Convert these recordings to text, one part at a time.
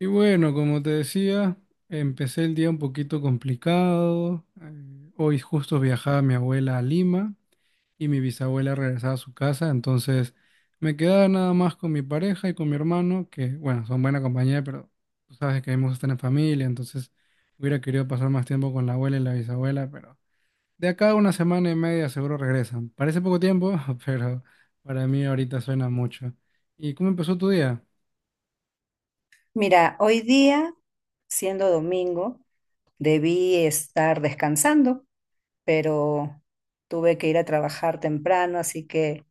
Y bueno, como te decía, empecé el día un poquito complicado. Hoy justo viajaba mi abuela a Lima y mi bisabuela regresaba a su casa, entonces me quedaba nada más con mi pareja y con mi hermano, que bueno, son buena compañía, pero tú sabes que hemos estado en familia, entonces hubiera querido pasar más tiempo con la abuela y la bisabuela, pero de acá a una semana y media seguro regresan. Parece poco tiempo, pero para mí ahorita suena mucho. ¿Y cómo empezó tu día? Mira, hoy día, siendo domingo, debí estar descansando, pero tuve que ir a trabajar temprano, así que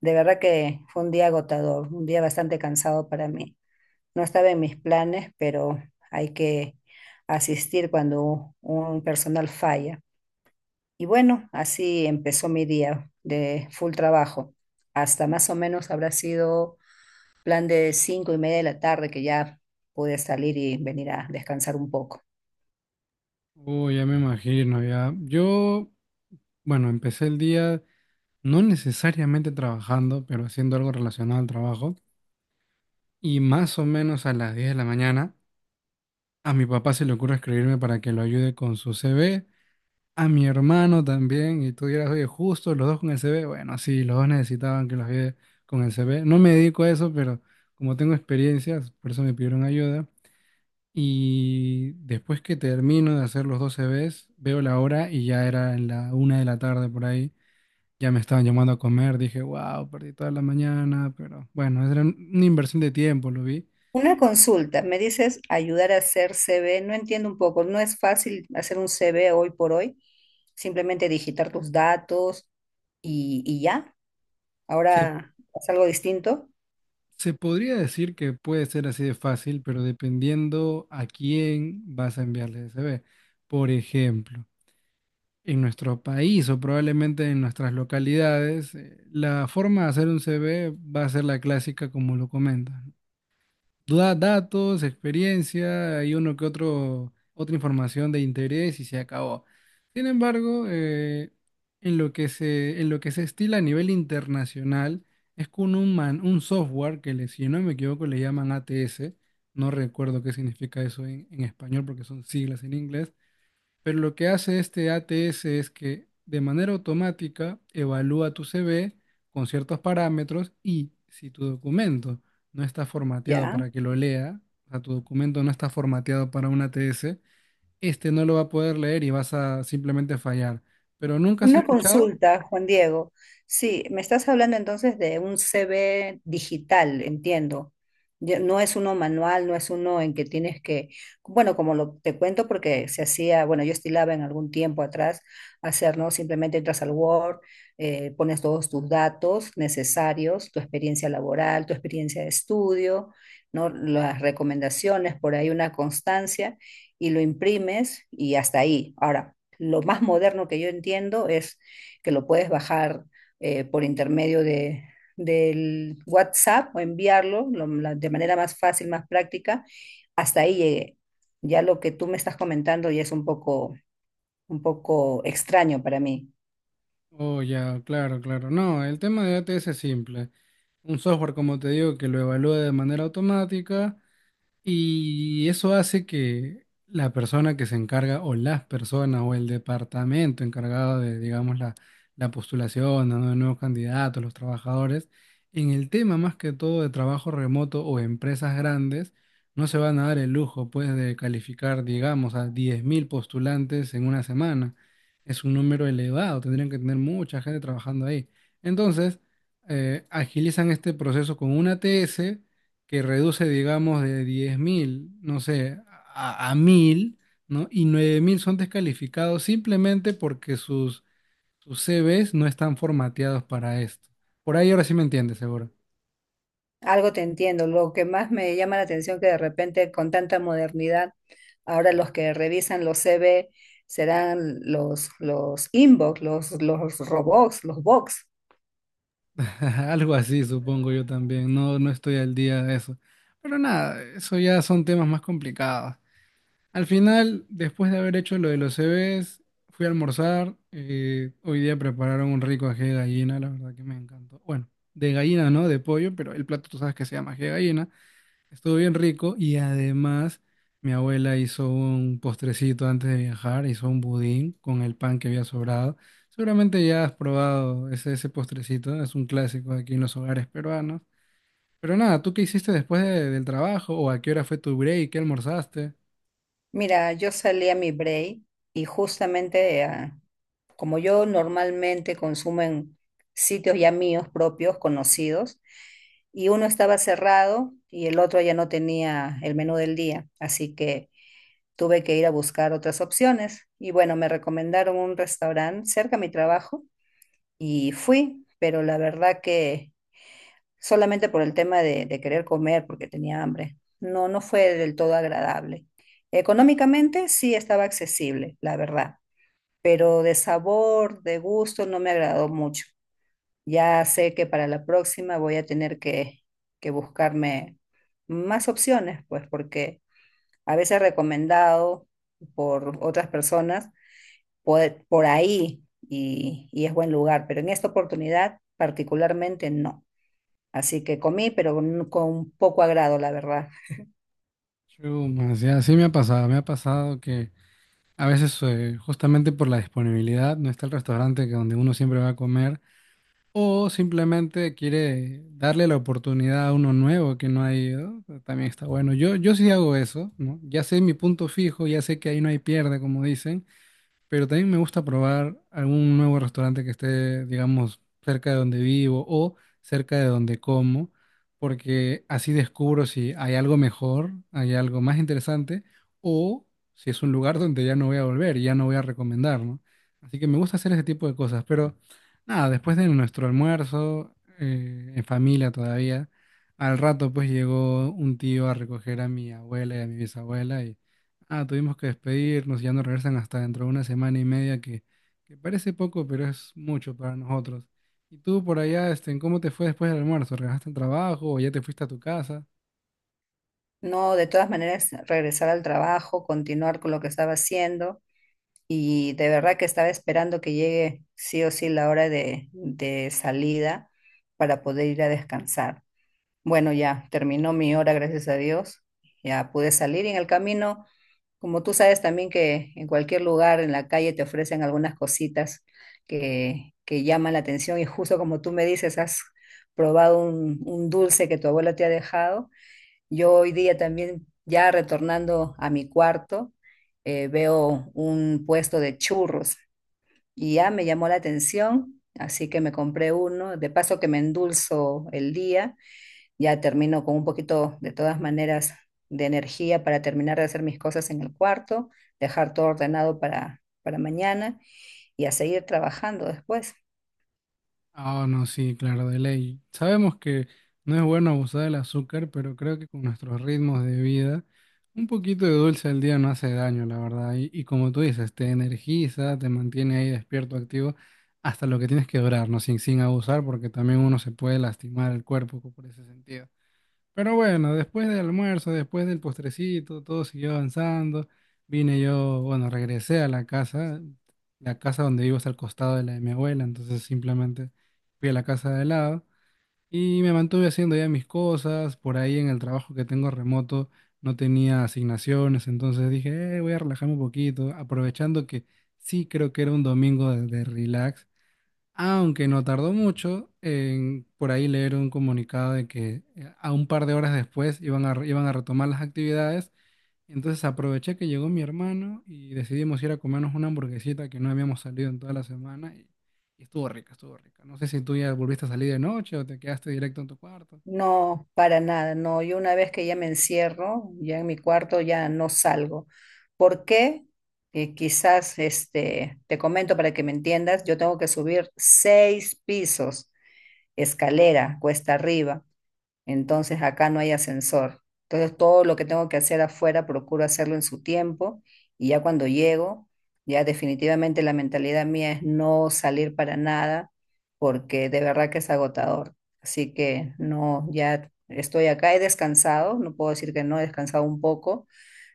de verdad que fue un día agotador, un día bastante cansado para mí. No estaba en mis planes, pero hay que asistir cuando un personal falla. Y bueno, así empezó mi día de full trabajo. Hasta más o menos habrá sido plan de 5:30 de la tarde que ya pude salir y venir a descansar un poco. Uy, ya me imagino, ya. Yo Bueno, empecé el día no necesariamente trabajando, pero haciendo algo relacionado al trabajo. Y más o menos a las 10 de la mañana, a mi papá se le ocurre escribirme para que lo ayude con su CV, a mi hermano también, y tú dirás, oye, justo los dos con el CV. Bueno, sí, los dos necesitaban que los ayude con el CV. No me dedico a eso, pero como tengo experiencias, por eso me pidieron ayuda. Y después que termino de hacer los dos CVs, veo la hora y ya era en la una de la tarde por ahí. Ya me estaban llamando a comer, dije, wow, perdí toda la mañana, pero bueno, era una inversión de tiempo, lo vi. Una consulta, me dices ayudar a hacer CV, no entiendo un poco, no es fácil hacer un CV hoy por hoy, simplemente digitar tus datos y ya, Se, ahora es algo distinto, se podría decir que puede ser así de fácil, pero dependiendo a quién vas a enviarle ese CV. Por ejemplo, en nuestro país o probablemente en nuestras localidades, la forma de hacer un CV va a ser la clásica como lo comentas. Da datos, experiencia y otra información de interés y se acabó. Sin embargo, en lo que se estila a nivel internacional es con un software que, le, si no me equivoco, le llaman ATS. No recuerdo qué significa eso en, español porque son siglas en inglés. Pero lo que hace este ATS es que de manera automática evalúa tu CV con ciertos parámetros y si tu documento no está formateado ya. para que lo lea, o sea, tu documento no está formateado para un ATS, este no lo va a poder leer y vas a simplemente fallar. ¿Pero nunca has Una escuchado? consulta, Juan Diego. Sí, me estás hablando entonces de un CV digital, entiendo. Ya. No es uno manual, no es uno en que tienes que, bueno, como lo te cuento porque se hacía, bueno, yo estilaba en algún tiempo atrás hacer, ¿no? Simplemente entras al Word, pones todos tus datos necesarios, tu experiencia laboral, tu experiencia de estudio, ¿no? Las recomendaciones, por ahí una constancia y lo imprimes y hasta ahí. Ahora lo más moderno que yo entiendo es que lo puedes bajar por intermedio de, del WhatsApp o enviarlo de manera más fácil, más práctica. Hasta ahí llegué. Ya lo que tú me estás comentando ya es un poco extraño para mí. Oh, ya, claro, claro. No, el tema de ATS es simple. Un software, como te digo, que lo evalúa de manera automática. Y eso hace que la persona que se encarga o las personas o el departamento encargado de, digamos, la postulación, ¿no?, de nuevos candidatos, los trabajadores, en el tema más que todo de trabajo remoto o empresas grandes, no se van a dar el lujo, pues, de calificar, digamos, a 10,000 postulantes en una semana. Es un número elevado, tendrían que tener mucha gente trabajando ahí. Entonces, agilizan este proceso con una TS que reduce, digamos, de 10,000 no sé, a, 1.000, ¿no? Y 9,000 son descalificados simplemente porque sus CVs no están formateados para esto. Por ahí ahora sí me entiendes, seguro. Algo te entiendo. Lo que más me llama la atención que de repente con tanta modernidad, ahora los que revisan los CV serán los inbox, los robots, los box. Algo así, supongo yo también. No, no estoy al día de eso. Pero nada, eso ya son temas más complicados. Al final, después de haber hecho lo de los CVs, fui a almorzar. Hoy día prepararon un rico ají de gallina, la verdad que me encantó. Bueno, de gallina, ¿no? De pollo, pero el plato tú sabes que se llama ají de gallina. Estuvo bien rico y además mi abuela hizo un postrecito antes de viajar, hizo un budín con el pan que había sobrado. Seguramente ya has probado ese postrecito, es un clásico aquí en los hogares peruanos. Pero nada, ¿tú qué hiciste después del trabajo o a qué hora fue tu break? ¿Qué almorzaste? Mira, yo salí a mi break y justamente como yo normalmente consumo en sitios ya míos propios, conocidos, y uno estaba cerrado y el otro ya no tenía el menú del día, así que tuve que ir a buscar otras opciones. Y bueno, me recomendaron un restaurante cerca de mi trabajo y fui, pero la verdad que solamente por el tema de querer comer porque tenía hambre. No, no fue del todo agradable. Económicamente sí estaba accesible, la verdad, pero de sabor, de gusto, no me agradó mucho. Ya sé que para la próxima voy a tener que buscarme más opciones, pues porque a veces recomendado por otras personas por ahí y es buen lugar, pero en esta oportunidad particularmente no. Así que comí, pero con poco agrado, la verdad. Chumas, ya, sí me ha pasado que a veces justamente por la disponibilidad no está el restaurante que donde uno siempre va a comer o simplemente quiere darle la oportunidad a uno nuevo que no ha ido, también está bueno. Yo sí hago eso, ¿no? Ya sé mi punto fijo, ya sé que ahí no hay pierde, como dicen. Pero también me gusta probar algún nuevo restaurante que esté, digamos, cerca de donde vivo o cerca de donde como, porque así descubro si hay algo mejor, hay algo más interesante o si es un lugar donde ya no voy a volver y ya no voy a recomendar, ¿no? Así que me gusta hacer ese tipo de cosas, pero nada, después de nuestro almuerzo, en familia todavía, al rato pues llegó un tío a recoger a mi abuela y a mi bisabuela y ah, tuvimos que despedirnos, ya no regresan hasta dentro de una semana y media, que parece poco, pero es mucho para nosotros. ¿Y tú por allá, este, cómo te fue después del almuerzo? ¿Regresaste al trabajo o ya te fuiste a tu casa? No, de todas maneras, regresar al trabajo, continuar con lo que estaba haciendo y de verdad que estaba esperando que llegue sí o sí la hora de salida para poder ir a descansar. Bueno, ya terminó mi hora, gracias a Dios. Ya pude salir y en el camino. Como tú sabes también que en cualquier lugar, en la calle, te ofrecen algunas cositas que llaman la atención y justo como tú me dices, has probado un dulce que tu abuela te ha dejado. Yo hoy día también, ya retornando a mi cuarto, veo un puesto de churros y ya me llamó la atención, así que me compré uno, de paso que me endulzo el día ya termino con un poquito, de todas maneras, de energía para terminar de hacer mis cosas en el cuarto, dejar todo ordenado para mañana y a seguir trabajando después. Ah, no, sí, claro, de ley. Sabemos que no es bueno abusar del azúcar, pero creo que con nuestros ritmos de vida, un poquito de dulce al día no hace daño, la verdad. Y como tú dices, te energiza, te mantiene ahí despierto, activo, hasta lo que tienes que durar, ¿no? Sin abusar, porque también uno se puede lastimar el cuerpo por ese sentido. Pero bueno, después del almuerzo, después del postrecito, todo siguió avanzando. Vine yo, bueno, regresé a la casa. La casa donde vivo es al costado de la de mi abuela, entonces simplemente fui a la casa de al lado y me mantuve haciendo ya mis cosas. Por ahí en el trabajo que tengo remoto no tenía asignaciones, entonces dije: voy a relajarme un poquito, aprovechando que sí creo que era un domingo de relax". Aunque no tardó mucho por ahí leer un comunicado de que a un par de horas después iban a retomar las actividades. Entonces aproveché que llegó mi hermano y decidimos ir a comernos una hamburguesita, que no habíamos salido en toda la semana, y estuvo rica, estuvo rica. No sé si tú ya volviste a salir de noche o te quedaste directo en tu cuarto. No, para nada, no. Yo una vez que ya me encierro, ya en mi cuarto, ya no salgo. ¿Por qué? Quizás este, te comento para que me entiendas, yo tengo que subir seis pisos, escalera, cuesta arriba. Entonces acá no hay ascensor. Entonces todo lo que tengo que hacer afuera procuro hacerlo en su tiempo y ya cuando llego, ya definitivamente la mentalidad mía es no salir para nada porque de verdad que es agotador. Así que no, ya estoy acá, he descansado, no puedo decir que no, he descansado un poco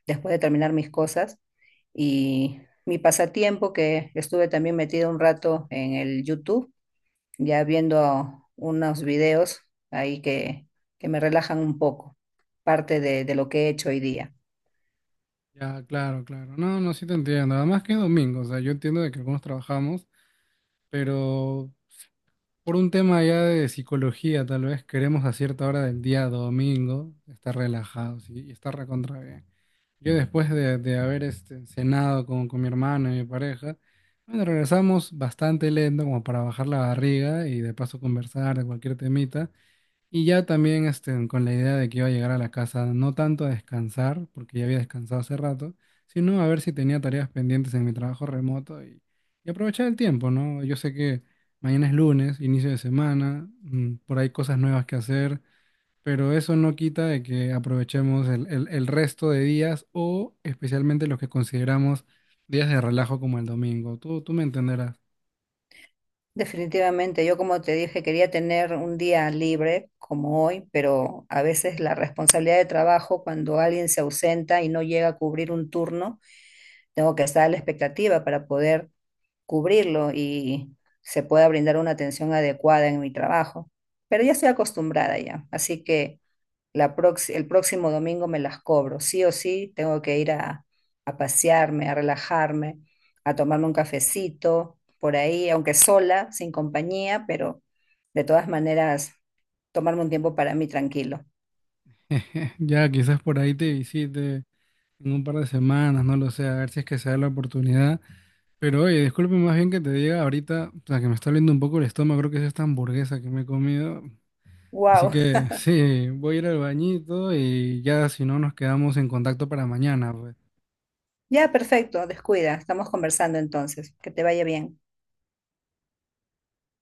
después de terminar mis cosas y mi pasatiempo que estuve también metido un rato en el YouTube ya viendo unos videos ahí que me relajan un poco, parte de lo que he hecho hoy día. Ya, claro, claro. No, no, sí te entiendo. Además que es domingo, o sea, yo entiendo de que algunos trabajamos, pero por un tema ya de psicología, tal vez queremos a cierta hora del día domingo estar relajados y estar recontra bien. Yo después de haber cenado con mi hermano y mi pareja, bueno, regresamos bastante lento como para bajar la barriga y de paso conversar de cualquier temita. Y ya también con la idea de que iba a llegar a la casa, no tanto a descansar, porque ya había descansado hace rato, sino a ver si tenía tareas pendientes en mi trabajo remoto y aprovechar el tiempo, ¿no? Yo sé que mañana es lunes, inicio de semana, por ahí cosas nuevas que hacer, pero eso no quita de que aprovechemos el, el resto de días o especialmente los que consideramos días de relajo como el domingo. Tú me entenderás. Definitivamente, yo como te dije, quería tener un día libre como hoy, pero a veces la responsabilidad de trabajo, cuando alguien se ausenta y no llega a cubrir un turno, tengo que estar a la expectativa para poder cubrirlo y se pueda brindar una atención adecuada en mi trabajo. Pero ya estoy acostumbrada ya, así que el próximo domingo me las cobro. Sí o sí, tengo que ir a pasearme, a relajarme, a tomarme un cafecito por ahí, aunque sola, sin compañía, pero de todas maneras, tomarme un tiempo para mí tranquilo. Ya quizás por ahí te visite en un par de semanas, no lo sé, a ver si es que se da la oportunidad. Pero oye, disculpe más bien que te diga ahorita, o sea, que me está oliendo un poco el estómago, creo que es esta hamburguesa que me he comido. Así Wow, que sí, voy a ir al bañito y ya si no nos quedamos en contacto para mañana, pues. ya perfecto, descuida, estamos conversando entonces, que te vaya bien.